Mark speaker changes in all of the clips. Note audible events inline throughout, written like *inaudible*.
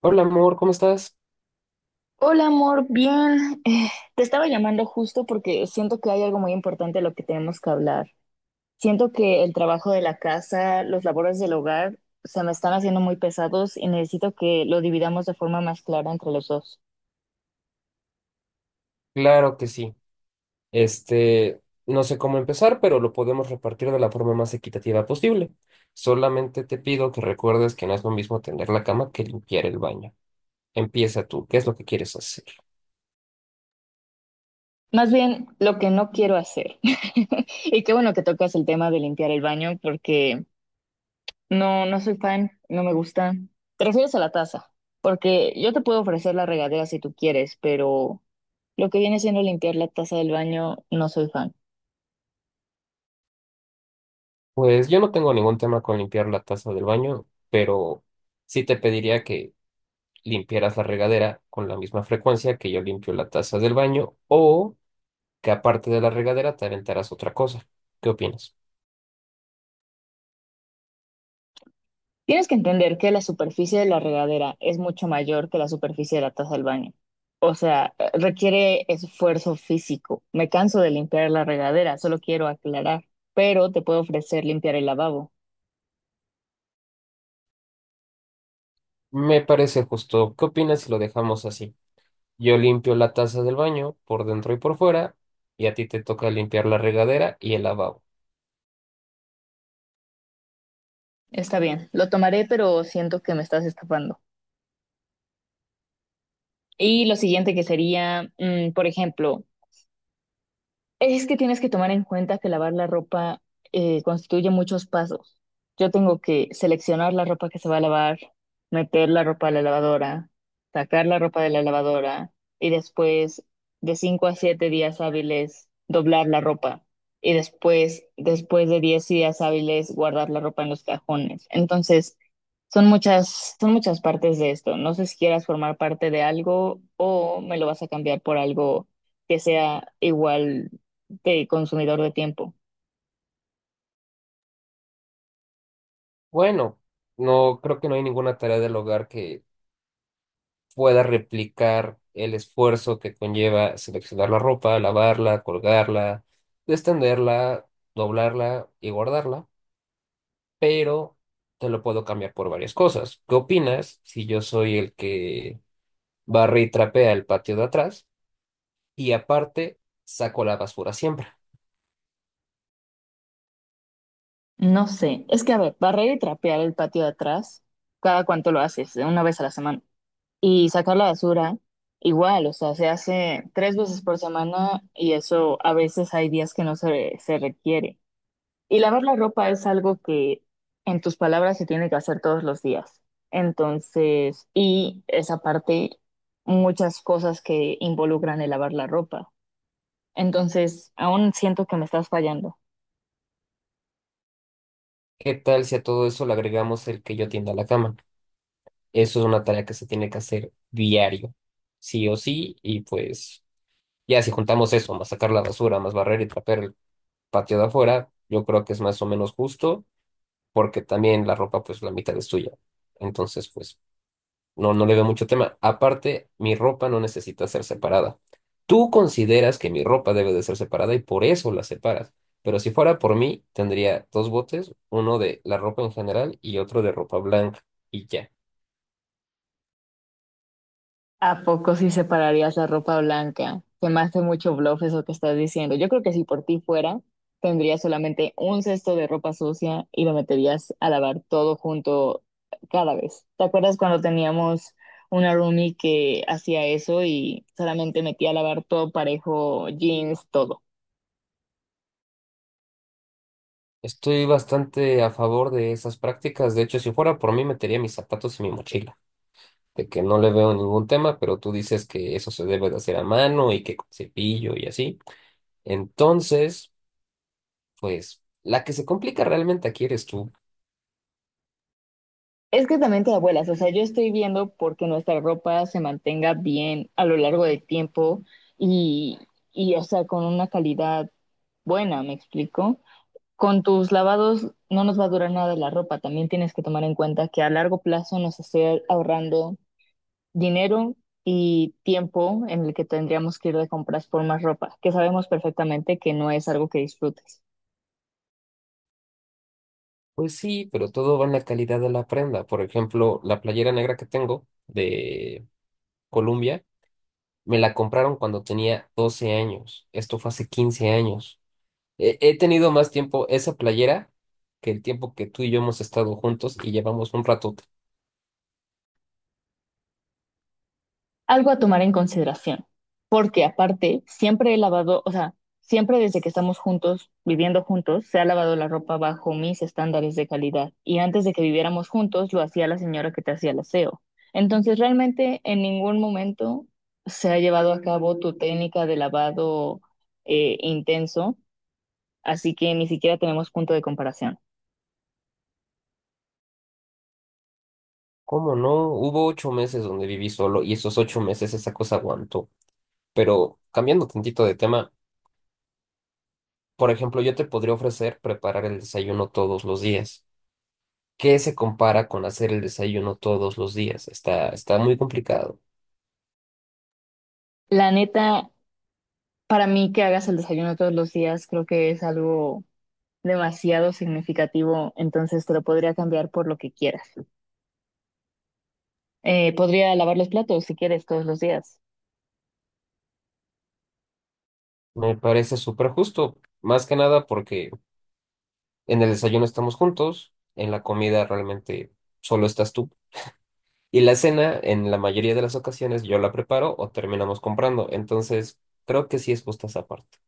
Speaker 1: Hola amor, ¿cómo estás?
Speaker 2: Hola amor, bien. Te estaba llamando justo porque siento que hay algo muy importante de lo que tenemos que hablar. Siento que el trabajo de la casa, los labores del hogar, se me están haciendo muy pesados y necesito que lo dividamos de forma más clara entre los dos.
Speaker 1: Claro que sí. No sé cómo empezar, pero lo podemos repartir de la forma más equitativa posible. Solamente te pido que recuerdes que no es lo mismo tender la cama que limpiar el baño. Empieza tú, ¿qué es lo que quieres hacer?
Speaker 2: Más bien, lo que no quiero hacer. *laughs* Y qué bueno que tocas el tema de limpiar el baño porque no, no soy fan, no me gusta. Te refieres a la taza, porque yo te puedo ofrecer la regadera si tú quieres, pero lo que viene siendo limpiar la taza del baño, no soy fan.
Speaker 1: Pues yo no tengo ningún tema con limpiar la taza del baño, pero sí te pediría que limpiaras la regadera con la misma frecuencia que yo limpio la taza del baño o que aparte de la regadera te aventaras otra cosa. ¿Qué opinas?
Speaker 2: Tienes que entender que la superficie de la regadera es mucho mayor que la superficie de la taza del baño. O sea, requiere esfuerzo físico. Me canso de limpiar la regadera, solo quiero aclarar, pero te puedo ofrecer limpiar el lavabo.
Speaker 1: Me parece justo. ¿Qué opinas si lo dejamos así? Yo limpio la taza del baño por dentro y por fuera, y a ti te toca limpiar la regadera y el lavabo.
Speaker 2: Está bien, lo tomaré, pero siento que me estás escapando. Y lo siguiente que sería, por ejemplo, es que tienes que tomar en cuenta que lavar la ropa constituye muchos pasos. Yo tengo que seleccionar la ropa que se va a lavar, meter la ropa a la lavadora, sacar la ropa de la lavadora y después de 5 a 7 días hábiles doblar la ropa y después de 10 días hábiles guardar la ropa en los cajones. Entonces, son muchas partes de esto. No sé si quieras formar parte de algo o me lo vas a cambiar por algo que sea igual de consumidor de tiempo.
Speaker 1: Bueno, no creo que no hay ninguna tarea del hogar que pueda replicar el esfuerzo que conlleva seleccionar la ropa, lavarla, colgarla, extenderla, doblarla y guardarla, pero te lo puedo cambiar por varias cosas. ¿Qué opinas si yo soy el que barre y trapea el patio de atrás? Y aparte saco la basura siempre.
Speaker 2: No sé, es que a ver, barrer y trapear el patio de atrás, ¿cada cuánto lo haces, de una vez a la semana? Y sacar la basura, igual, o sea, se hace 3 veces por semana y eso a veces hay días que no se requiere. Y lavar la ropa es algo que, en tus palabras, se tiene que hacer todos los días. Entonces, y esa parte, muchas cosas que involucran el lavar la ropa. Entonces, aún siento que me estás fallando.
Speaker 1: ¿Qué tal si a todo eso le agregamos el que yo tienda la cama? Eso es una tarea que se tiene que hacer diario, sí o sí, y pues ya si juntamos eso, más sacar la basura, más barrer y trapear el patio de afuera, yo creo que es más o menos justo, porque también la ropa pues la mitad es tuya. Entonces pues no, no le veo mucho tema. Aparte, mi ropa no necesita ser separada. Tú consideras que mi ropa debe de ser separada y por eso la separas. Pero si fuera por mí, tendría dos botes, uno de la ropa en general y otro de ropa blanca y ya.
Speaker 2: ¿A poco sí separarías la ropa blanca? Se me hace mucho bluff eso que estás diciendo. Yo creo que si por ti fuera, tendrías solamente un cesto de ropa sucia y lo meterías a lavar todo junto cada vez. ¿Te acuerdas cuando teníamos una roomie que hacía eso y solamente metía a lavar todo parejo, jeans, todo?
Speaker 1: Estoy bastante a favor de esas prácticas. De hecho, si fuera por mí, metería mis zapatos y mi mochila. De que no le veo ningún tema, pero tú dices que eso se debe de hacer a mano y que con cepillo y así. Entonces, pues, la que se complica realmente aquí eres tú.
Speaker 2: Es que también te abuelas, o sea, yo estoy viendo porque nuestra ropa se mantenga bien a lo largo del tiempo y, o sea, con una calidad buena, ¿me explico? Con tus lavados no nos va a durar nada la ropa, también tienes que tomar en cuenta que a largo plazo nos esté ahorrando dinero y tiempo en el que tendríamos que ir de compras por más ropa, que sabemos perfectamente que no es algo que disfrutes.
Speaker 1: Pues sí, pero todo va en la calidad de la prenda. Por ejemplo, la playera negra que tengo de Colombia, me la compraron cuando tenía 12 años. Esto fue hace 15 años. He tenido más tiempo esa playera que el tiempo que tú y yo hemos estado juntos y llevamos un ratote.
Speaker 2: Algo a tomar en consideración, porque aparte siempre he lavado, o sea, siempre desde que estamos juntos, viviendo juntos, se ha lavado la ropa bajo mis estándares de calidad. Y antes de que viviéramos juntos, lo hacía la señora que te hacía el aseo. Entonces, realmente en ningún momento se ha llevado a cabo tu técnica de lavado intenso, así que ni siquiera tenemos punto de comparación.
Speaker 1: ¿Cómo no? Hubo 8 meses donde viví solo y esos 8 meses esa cosa aguantó. Pero cambiando tantito de tema, por ejemplo, yo te podría ofrecer preparar el desayuno todos los días. Que se compara con hacer el desayuno todos los días. Está muy complicado.
Speaker 2: La neta, para mí que hagas el desayuno todos los días, creo que es algo demasiado significativo, entonces te lo podría cambiar por lo que quieras. Podría lavar los platos si quieres todos los días.
Speaker 1: Me parece súper justo, más que nada porque en el desayuno estamos juntos, en la comida realmente solo estás tú. Y la cena, en la mayoría de las ocasiones, yo la preparo o terminamos comprando. Entonces, creo que sí es justa esa parte.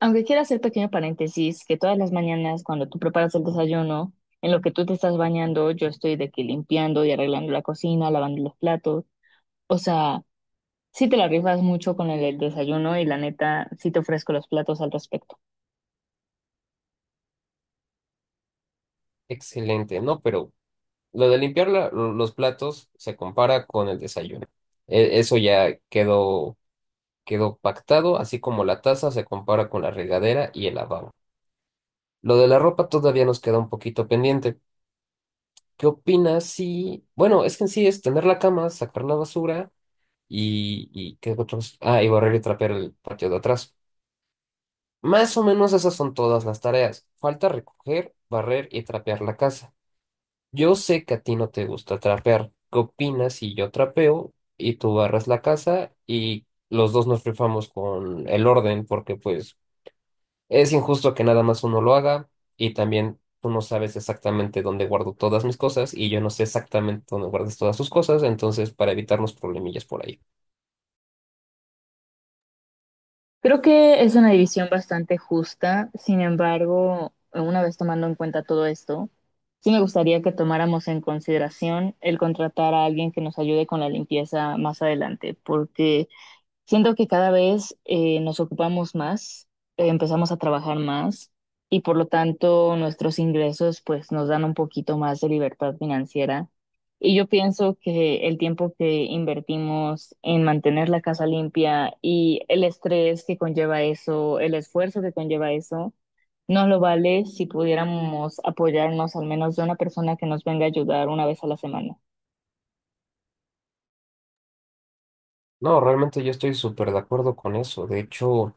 Speaker 2: Aunque quiero hacer pequeño paréntesis, que todas las mañanas cuando tú preparas el desayuno, en lo que tú te estás bañando, yo estoy de que limpiando y arreglando la cocina, lavando los platos. O sea, sí te la rifas mucho con el desayuno y la neta, sí te ofrezco los platos al respecto.
Speaker 1: Excelente, ¿no? Pero lo de los platos se compara con el desayuno. Eso ya quedó pactado, así como la taza se compara con la regadera y el lavabo. Lo de la ropa todavía nos queda un poquito pendiente. ¿Qué opinas si... Bueno, es que en sí es tener la cama, sacar la basura y ¿qué otros? Ah, y barrer y trapear el patio de atrás. Más o menos esas son todas las tareas. Falta recoger, barrer y trapear la casa. Yo sé que a ti no te gusta trapear. ¿Qué opinas si yo trapeo y tú barras la casa y los dos nos rifamos con el orden? Porque pues es injusto que nada más uno lo haga y también tú no sabes exactamente dónde guardo todas mis cosas y yo no sé exactamente dónde guardas todas tus cosas, entonces para evitarnos problemillas por ahí.
Speaker 2: Creo que es una división bastante justa, sin embargo, una vez tomando en cuenta todo esto, sí me gustaría que tomáramos en consideración el contratar a alguien que nos ayude con la limpieza más adelante, porque siento que cada vez nos ocupamos más, empezamos a trabajar más y por lo tanto nuestros ingresos pues nos dan un poquito más de libertad financiera. Y yo pienso que el tiempo que invertimos en mantener la casa limpia y el estrés que conlleva eso, el esfuerzo que conlleva eso, no lo vale si pudiéramos apoyarnos al menos de una persona que nos venga a ayudar una vez a la semana.
Speaker 1: No, realmente yo estoy súper de acuerdo con eso. De hecho,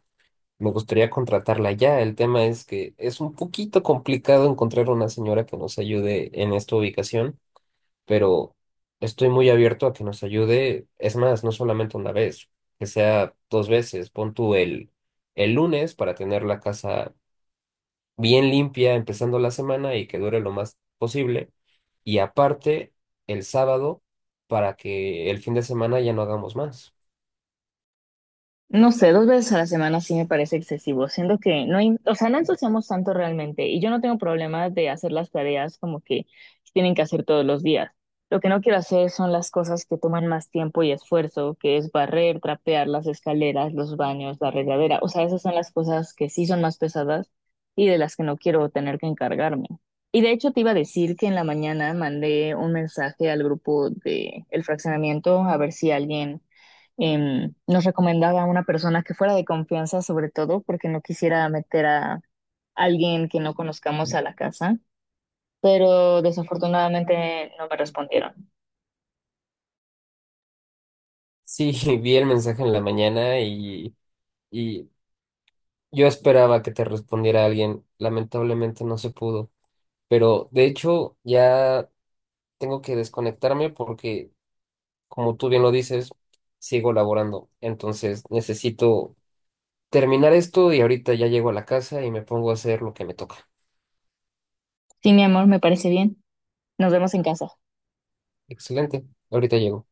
Speaker 1: me gustaría contratarla ya. El tema es que es un poquito complicado encontrar una señora que nos ayude en esta ubicación, pero estoy muy abierto a que nos ayude. Es más, no solamente una vez, que sea dos veces. Pon tú el lunes para tener la casa bien limpia empezando la semana y que dure lo más posible. Y aparte, el sábado, para que el fin de semana ya no hagamos más.
Speaker 2: No sé, 2 veces a la semana sí me parece excesivo, siendo que no, o sea, no ensuciamos tanto realmente y yo no tengo problemas de hacer las tareas como que tienen que hacer todos los días. Lo que no quiero hacer son las cosas que toman más tiempo y esfuerzo, que es barrer, trapear las escaleras, los baños, la regadera. O sea, esas son las cosas que sí son más pesadas y de las que no quiero tener que encargarme. Y de hecho te iba a decir que en la mañana mandé un mensaje al grupo de el fraccionamiento a ver si alguien nos recomendaba a una persona que fuera de confianza, sobre todo porque no quisiera meter a alguien que no conozcamos a la casa, pero desafortunadamente no me respondieron.
Speaker 1: Sí, *laughs* vi el mensaje en la mañana y yo esperaba que te respondiera alguien. Lamentablemente no se pudo. Pero de hecho, ya tengo que desconectarme porque, como tú bien lo dices, sigo laborando. Entonces necesito terminar esto y ahorita ya llego a la casa y me pongo a hacer lo que me toca.
Speaker 2: Sí, mi amor, me parece bien. Nos vemos en casa.
Speaker 1: Excelente. Ahorita llego.